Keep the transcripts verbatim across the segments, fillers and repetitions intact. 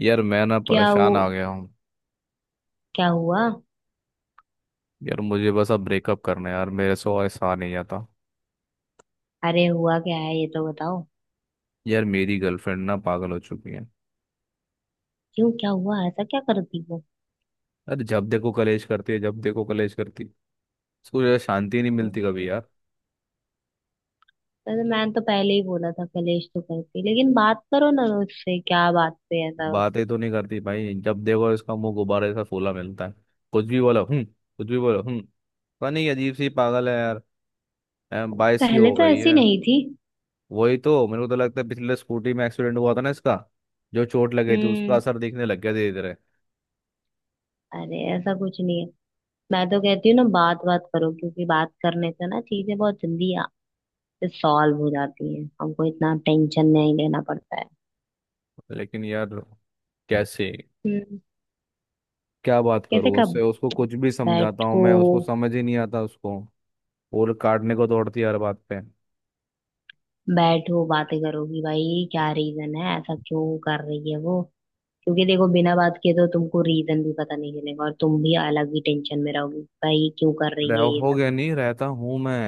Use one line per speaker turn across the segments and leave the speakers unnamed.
यार मैं ना
क्या वो?
परेशान आ गया हूँ।
क्या हुआ?
यार मुझे बस अब ब्रेकअप करना है, यार मेरे से और सहा नहीं जाता।
अरे हुआ क्या है ये तो बताओ।
यार मेरी गर्लफ्रेंड ना पागल हो चुकी है।
क्यों? क्या हुआ? ऐसा क्या करती वो?
अरे जब देखो कलेश करती है, जब देखो कलेश करती। उसको यार शांति नहीं मिलती कभी यार।
अरे मैंने तो पहले ही बोला था कलेश तो करती लेकिन बात करो ना उससे। क्या बात पे ऐसा?
बातें तो नहीं करती भाई, जब देखो इसका मुंह गुब्बारे सा फूला मिलता है। कुछ भी बोलो हूँ, कुछ भी बोलो हूँ, पता नहीं अजीब सी पागल है यार। अम, बाईस की
पहले
हो
तो
गई
ऐसी
है।
नहीं थी।
वही तो, मेरे को तो लगता है पिछले स्कूटी में एक्सीडेंट हुआ था ना इसका, जो चोट लगी थी उसका
हम्म।
असर दिखने लग गया धीरे धीरे।
अरे ऐसा कुछ नहीं है। मैं तो कहती हूँ ना बात बात करो क्योंकि बात करने से ना चीजें बहुत जल्दी सॉल्व हो जाती हैं। हमको इतना टेंशन नहीं लेना पड़ता है।
लेकिन यार कैसे?
हम्म।
क्या बात
कैसे?
करूँ उससे?
कब?
उसको कुछ भी समझाता हूँ
बैठो।
मैं, उसको समझ ही नहीं आता उसको, और काटने को दौड़ती है हर बात पे।
बैठो बातें करोगी भाई। क्या रीजन है? ऐसा क्यों कर रही है वो? क्योंकि देखो बिना बात किए तो तुमको रीजन भी पता नहीं चलेगा और तुम भी अलग ही टेंशन में रहोगी भाई। क्यों कर रही
रह
है ये
हो
सब?
गया, नहीं रहता हूँ मैं।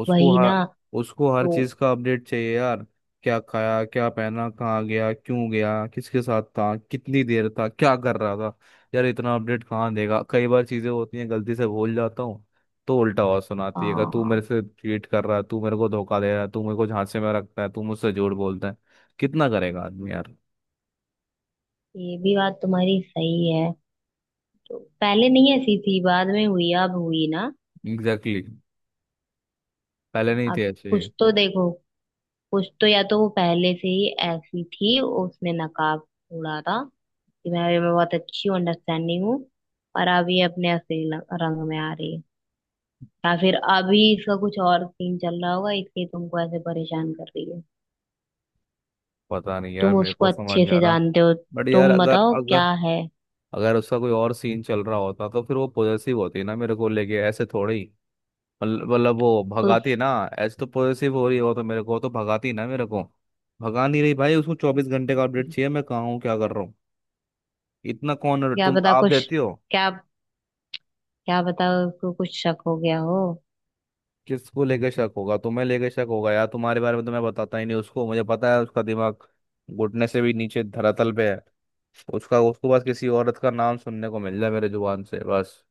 उसको
वही ना।
हर उसको हर
तो?
चीज का अपडेट चाहिए यार। क्या खाया, क्या पहना, कहाँ गया, क्यों गया, किसके साथ था, कितनी देर था, क्या कर रहा था। यार इतना अपडेट कहाँ देगा, कई बार चीजें होती हैं गलती से भूल जाता हूँ। तो उल्टा आवाज सुनाती है कि तू
हाँ।
मेरे से चीट कर रहा है, तू मेरे को धोखा दे रहा है, तू मेरे को झांसे में रखता है, तू मुझसे झूठ बोलता है। कितना करेगा आदमी यार।
ये भी बात तुम्हारी सही है। तो पहले नहीं ऐसी थी, बाद में हुई। अब हुई ना?
Exactly exactly. पहले नहीं थे
अब
ऐसे।
कुछ तो देखो। कुछ तो, या तो वो पहले से ही ऐसी थी, उसने नकाब उड़ा था कि मैं मैं बहुत अच्छी हूँ, अंडरस्टैंडिंग हूँ। और अब ये अपने असली रंग में आ रही है। या फिर अभी इसका कुछ और सीन चल रहा होगा, इसलिए तुमको ऐसे परेशान कर रही है।
पता नहीं यार
तुम
मेरे
उसको
को समझ
अच्छे
नहीं आ
से
रहा।
जानते हो।
बट यार
तुम
अगर
बताओ
अगर
क्या है।
अगर उसका कोई और सीन चल रहा होता तो फिर वो पॉजेसिव होती ना मेरे को लेके, ऐसे थोड़े ही। मतलब मतलब वो भगाती
उस
ना। ऐसे तो पॉजेसिव हो रही हो तो मेरे को तो भगाती ना मेरे को। भगा नहीं रही भाई, उसको चौबीस घंटे का अपडेट चाहिए मैं कहाँ हूँ, क्या कर रहा हूँ। इतना कौन
क्या
तुम
पता
आप
कुछ
देती हो।
क्या क्या पता उसको कुछ शक हो गया हो।
किसको लेके शक होगा? तुम्हें लेके शक होगा? यार तुम्हारे बारे में तो मैं बताता ही नहीं उसको, मुझे पता है उसका दिमाग घुटने से भी नीचे धरातल पे है उसका। उसको बस किसी औरत का नाम सुनने को मिल जाए मेरे जुबान से बस,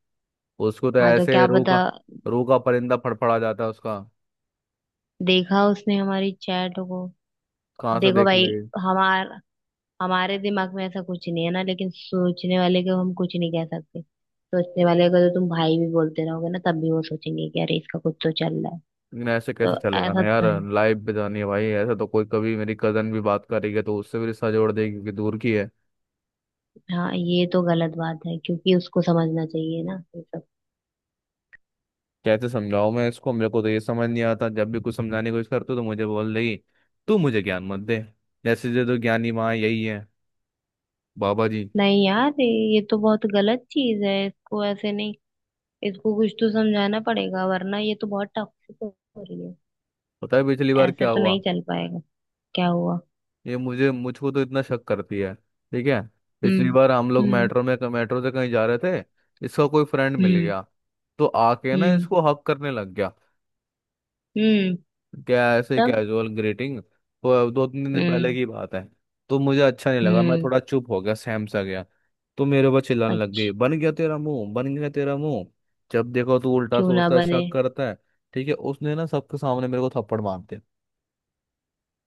उसको तो
हाँ तो
ऐसे
क्या
रूह
पता।
का रूह का परिंदा फड़फड़ा जाता है उसका।
देखा उसने हमारी चैट को?
कहाँ से
देखो
देख
भाई।
लेगी?
हमार हमारे दिमाग में ऐसा कुछ नहीं है ना, लेकिन सोचने वाले को हम कुछ नहीं कह सकते। सोचने वाले को तो तुम भाई भी बोलते रहोगे ना, तब भी वो सोचेंगे कि अरे इसका कुछ तो चल रहा है।
लेकिन ऐसे
तो
कैसे चलेगा ना
ऐसा
यार।
तो है।
लाइफ पे जानी है भाई, ऐसे तो कोई कभी मेरी कजन भी बात करेगी तो उससे भी रिश्ता जोड़ देगी, क्योंकि दूर की है।
हाँ ये तो गलत बात है क्योंकि उसको समझना चाहिए ना ये सब।
कैसे समझाऊं मैं इसको? मेरे को तो ये समझ नहीं आता, जब भी कुछ समझाने की कोशिश करती हूँ, तो मुझे बोल देगी तू मुझे ज्ञान मत दे। जैसे जो तो ज्ञानी माँ यही है, बाबा जी।
नहीं यार, ये तो बहुत गलत चीज है। इसको ऐसे नहीं, इसको कुछ तो समझाना पड़ेगा वरना ये तो बहुत टॉक्सिक हो रही है।
पता है पिछली बार
ऐसे
क्या
तो
हुआ?
नहीं चल पाएगा। क्या हुआ?
ये मुझे मुझको तो इतना शक करती है। ठीक है, पिछली
हम्म।
बार हम लोग
हम्म।
मेट्रो में मेट्रो से कहीं जा रहे थे। इसका कोई फ्रेंड मिल
हम्म।
गया, तो आके ना
हम्म।
इसको हक करने लग गया।
हम्म।
क्या ऐसे
तब।
Casual greeting. तो दो तीन दिन पहले
हम्म।
की बात है। तो मुझे अच्छा नहीं लगा, मैं
हम्म।
थोड़ा चुप हो गया, सहम सा गया। तो मेरे ऊपर चिल्लाने लग गई,
अच्छा।
बन गया तेरा मुंह, बन गया तेरा मुंह, जब देखो तू उल्टा
क्यों ना
सोचता है,
बने।
शक करता है। ठीक है, उसने ना सबके सामने मेरे को थप्पड़ मार दिया।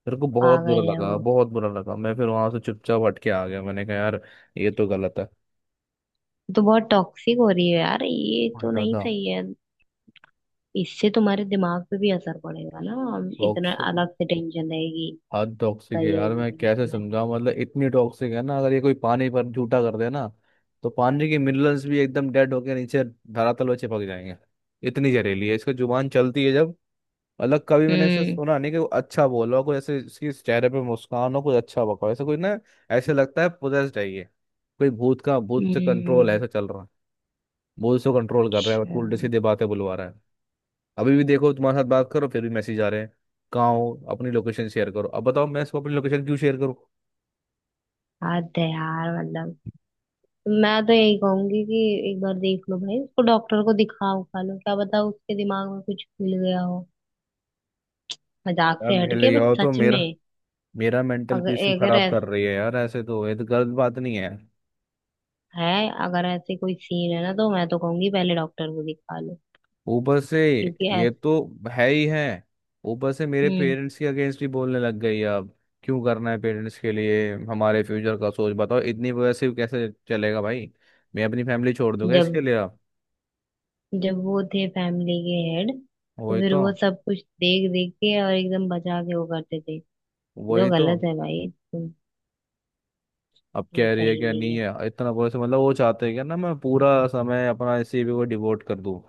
मेरे को बहुत बुरा
पागल है
लगा,
वो।
बहुत बुरा लगा। मैं फिर वहां से चुपचाप हट के आ गया, मैंने कहा यार ये तो गलत है।
तो बहुत टॉक्सिक हो रही है यार, ये
बहुत
तो नहीं
ज्यादा
सही है। इससे तुम्हारे दिमाग पे भी असर पड़ेगा ना। इतना
टॉक्सिक।
अलग से टेंशन रहेगी।
हद टॉक्सिक
उसका
है
ईयर
यार,
भी
मैं
नहीं
कैसे
चला गया।
समझाऊं। मतलब इतनी टॉक्सिक है ना, अगर ये कोई पानी पर झूठा कर दे ना, तो पानी के मिनरल्स भी एकदम डेड होके नीचे धरातल में चिपक जाएंगे। इतनी जहरीली है, इसका जुबान चलती है जब। अलग कभी मैंने ऐसा
हम्म।
सुना नहीं कि वो अच्छा बोला हो कोई, ऐसे इसके चेहरे पे मुस्कान हो कोई, अच्छा बका हो ऐसा कोई ना। ऐसे लगता है पोजेस्ड है ये, कोई भूत का, भूत से कंट्रोल
हम्म,
ऐसा चल रहा है। वो उसको कंट्रोल कर रहा है, तो
अच्छा।
उल्टे सीधे बातें बुलवा रहा है। अभी भी देखो तुम्हारे साथ बात करो, फिर भी मैसेज आ रहे हैं, कहाँ हो, अपनी लोकेशन शेयर करो। अब बताओ मैं इसको अपनी लोकेशन क्यों शेयर करूँ?
बात है यार, मतलब। मैं तो यही कहूंगी कि एक बार देख लो भाई, उसको डॉक्टर को दिखा उखा लो। क्या पता उसके दिमाग में कुछ खुल गया हो। मजाक
यार
से
ले
हटके, बट
जाओ तो
सच
मेरा
में।
मेरा मेंटल
अगर
पीस क्यों
अगर
खराब
ऐसा
कर रही है यार। ऐसे तो, ये तो गलत बात नहीं है
है, अगर ऐसे कोई सीन है ना, तो मैं तो कहूंगी पहले डॉक्टर को दिखा लो।
ऊपर से।
क्योंकि
ये
ऐस
तो है ही है, ऊपर से मेरे
हम्म।
पेरेंट्स के अगेंस्ट भी बोलने लग गई है अब। क्यों करना है पेरेंट्स के लिए हमारे फ्यूचर का सोच? बताओ इतनी वजह से कैसे चलेगा भाई। मैं अपनी फैमिली छोड़
ऐसे
दूंगा इसके
जब
लिए अब?
जब वो थे फैमिली के हेड, तो
वही
फिर
तो।
वो सब कुछ देख देख के और एकदम बचा के वो करते थे। ये तो
वही तो,
गलत है भाई।
अब
ये
कह रही है
सही
क्या
नहीं
नहीं
है।
है। इतना बोले से मतलब वो चाहते हैं क्या ना मैं पूरा समय अपना इसी पे वो डिवोट कर दूं,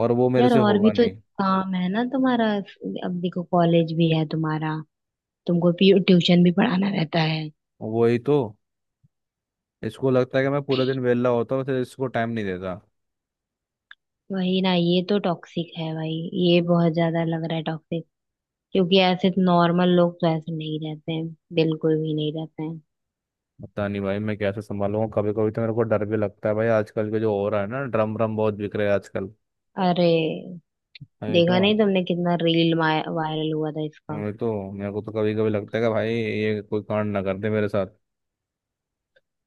और वो मेरे
यार
से
और भी
होगा
तो
नहीं।
काम है ना तुम्हारा। अब देखो कॉलेज भी है तुम्हारा। तुमको ट्यूशन भी पढ़ाना रहता है।
वही तो, इसको लगता है कि मैं पूरा दिन वेला होता हूँ, फिर इसको टाइम नहीं देता।
वही ना, ये तो टॉक्सिक है भाई। ये बहुत ज्यादा लग रहा है टॉक्सिक। क्योंकि ऐसे नॉर्मल लोग तो ऐसे नहीं रहते हैं। बिल्कुल भी नहीं रहते हैं।
पता नहीं भाई मैं कैसे संभालूंगा। कभी कभी तो मेरे को डर भी लगता है भाई, आजकल के जो हो रहा है ना, ड्रम ड्रम बहुत बिक रहे हैं आजकल।
अरे
नहीं तो
देखा नहीं तुमने, कितना रील वायरल हुआ था इसका।
नहीं तो मेरे को तो कभी कभी लगता है कि भाई ये कोई कांड ना कर दे मेरे साथ।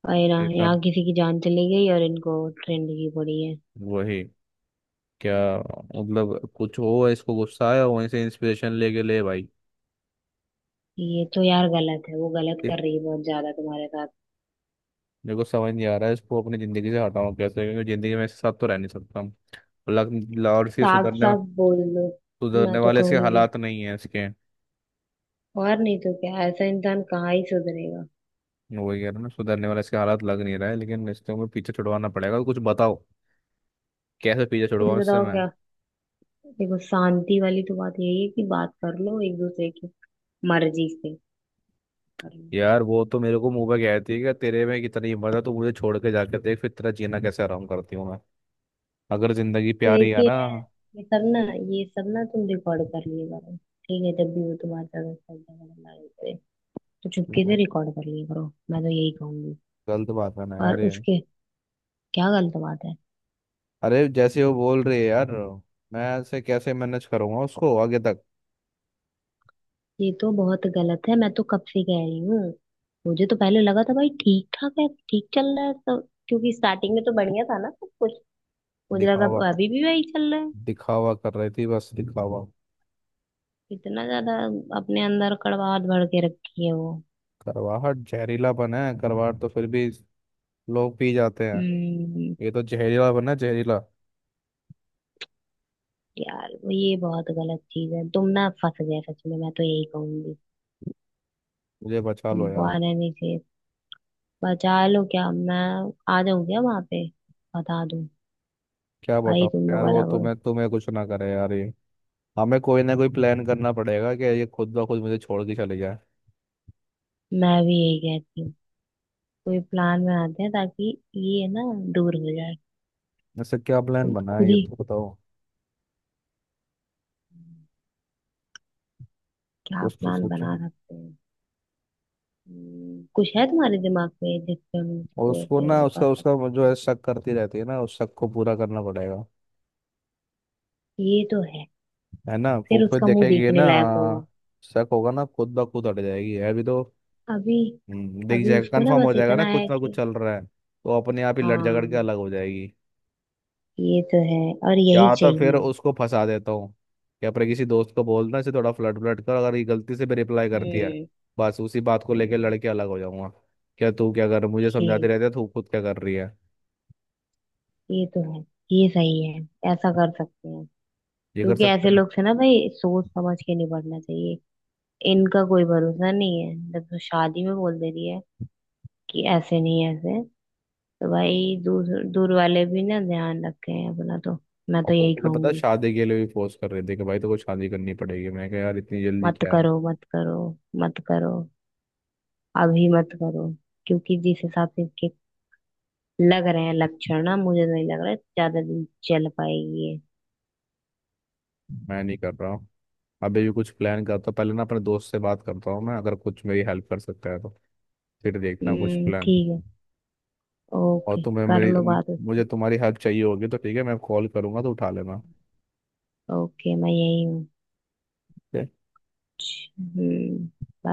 अरे ना,
नहीं तो
यहाँ किसी की जान चली गई और इनको ट्रेंड की पड़ी है।
वही, क्या मतलब, कुछ हो इसको गुस्सा आया, वहीं से इंस्पिरेशन लेके ले भाई।
ये तो यार गलत है, वो गलत कर रही है बहुत ज्यादा तुम्हारे साथ।
मेरे को समझ नहीं आ रहा है इसको अपनी ज़िंदगी से हटाऊं कैसे, क्योंकि ज़िंदगी में इसके साथ तो रह नहीं सकता हूं। लग- ल- और इसके
साफ
सुधरने
साफ बोल दो। मैं
सुधरने
तो
वाले इसके
कहूंगी,
हालात नहीं है इसके।
और नहीं तो क्या, ऐसा इंसान कहाँ ही सुधरेगा।
वही कह रहा हूं ना, सुधरने वाले इसके हालात लग नहीं रहा है, लेकिन इसको मैं पीछे छुड़वाना पड़ेगा। कुछ बताओ कैसे पीछे
कुछ
छुड़वाऊं इससे
बताओ
मैं?
क्या? देखो, शांति वाली तो बात यही है कि बात कर लो एक दूसरे की मर्जी से। कर लो।
यार वो तो मेरे को मुंह पे कहती है कि तेरे में कितनी हिम्मत है, तो मुझे छोड़ के जाके देख, फिर तेरा जीना कैसे आराम करती हूँ मैं, अगर जिंदगी
तो
प्यारी
एक
है
ही
ना।
है। ये सब ना, ये सब ना तुम रिकॉर्ड कर लिए करो। ठीक है, जब भी वो तुम्हारे साथ ऐसा झगड़ा लड़ाई करे, तो चुपके
ठीक है,
से रिकॉर्ड कर लिए करो। मैं तो यही कहूंगी।
गलत बात है ना
और
यार ये।
उसके क्या गलत बात है?
अरे जैसे वो बोल रही है यार, मैं ऐसे कैसे मैनेज करूंगा उसको आगे तक।
ये तो बहुत गलत है, मैं तो कब से कह रही हूँ। मुझे तो पहले लगा था भाई ठीक ठाक है, ठीक चल रहा है तो। क्योंकि स्टार्टिंग में तो बढ़िया था ना सब कुछ, मुझे लगा
दिखावा,
अभी भी वही चल रहा है।
दिखावा कर रही थी, बस दिखावा।
इतना ज्यादा अपने अंदर कड़वाहट भर के रखी है वो।
करवाहट जहरीला बना है, करवाहट तो फिर भी लोग पी जाते हैं,
हम्म।
ये तो जहरीला बना है, जहरीला।
यार वो, ये बहुत गलत चीज है। तुम ना फंस गए सच में, मैं तो यही कहूंगी।
मुझे बचा
तुम
लो यार।
वहां रहने से बचा लो क्या? मैं आ जाऊं क्या वहां पे? बता दूं?
क्या
भाई
बताओ
तुम
यार,
लोग
वो
अलग हो।
तुम्हें तुम्हें कुछ ना करे यार ये। हमें कोई ना कोई प्लान करना पड़ेगा कि ये खुद ब खुद मुझे छोड़ के चले जाए।
मैं भी यही कहती हूँ। कोई प्लान बनाते हैं ताकि ये ना दूर हो जाए।
ऐसे क्या प्लान
तुम
बना
खुद
है ये
ही
तो बताओ।
क्या
कुछ तो
प्लान
सोचो।
बना सकते हैं? हम्म, कुछ है तुम्हारे दिमाग में जिससे हम
और
उसको
उसको
ऐसे
ना,
वो कर
उसका
सकते?
उसका वो जो है, शक करती रहती है ना, उस शक को पूरा करना पड़ेगा।
ये तो है।
है ना, वो
फिर
फिर
उसका मुंह
देखेगी ये
देखने
ना,
लायक होगा।
शक होगा ना, खुद ब खुद हट जाएगी। है भी तो।
अभी।
हम्म, दिख
अभी
जाएगा,
उसको ना
कंफर्म हो
बस
जाएगा ना
इतना है
कुछ ना कुछ
कि।
चल रहा है, तो अपने आप ही लड़ झगड़ के
हाँ।
अलग हो जाएगी।
ये तो है। और यही
या तो फिर
चाहिए।
उसको फंसा देता हूँ कि अपने किसी दोस्त को बोलना इसे थोड़ा फ्लर्ट फ्लर्ट कर, अगर ये गलती से भी रिप्लाई करती है,
हम्म।
बस उसी बात को लेके
हम्म।
लड़के अलग हो जाऊंगा। क्या तू, क्या कर, मुझे समझाते
ये
रहते है, तू खुद क्या कर रही है।
ये तो है। ये सही है। ऐसा कर सकते हैं।
ये कर
क्योंकि
सकते
ऐसे
हैं।
लोग से ना भाई सोच समझ के निपटना चाहिए। इनका कोई भरोसा नहीं है, जब तो शादी में बोल दे रही है कि ऐसे नहीं ऐसे, तो भाई दूर दूर वाले भी ना ध्यान रखें अपना तो। मैं
और
तो
वो,
यही
मुझे पता है
कहूंगी।
शादी के लिए भी फोर्स कर रही थी कि भाई तो कुछ शादी करनी पड़ेगी। मैं कहा यार इतनी जल्दी
मत
क्या है,
करो, मत करो, मत करो, अभी मत करो। क्योंकि जिस हिसाब से इसके लग रहे हैं लक्षण ना, मुझे नहीं लग रहा है ज्यादा दिन चल पाएगी ये।
मैं नहीं कर रहा हूँ। अभी भी कुछ प्लान करता हूँ, पहले ना अपने दोस्त से बात करता हूँ मैं, अगर कुछ मेरी हेल्प कर सकता है तो, फिर देखना कुछ
हम्म,
प्लान।
ठीक है।
और
ओके
तुम्हें
कर
मेरी,
लो बात उससे।
मुझे तुम्हारी हेल्प चाहिए होगी तो ठीक है, मैं कॉल करूंगा तो उठा लेना, ठीक
ओके मैं यही हूँ।
है?
हम्म। bye।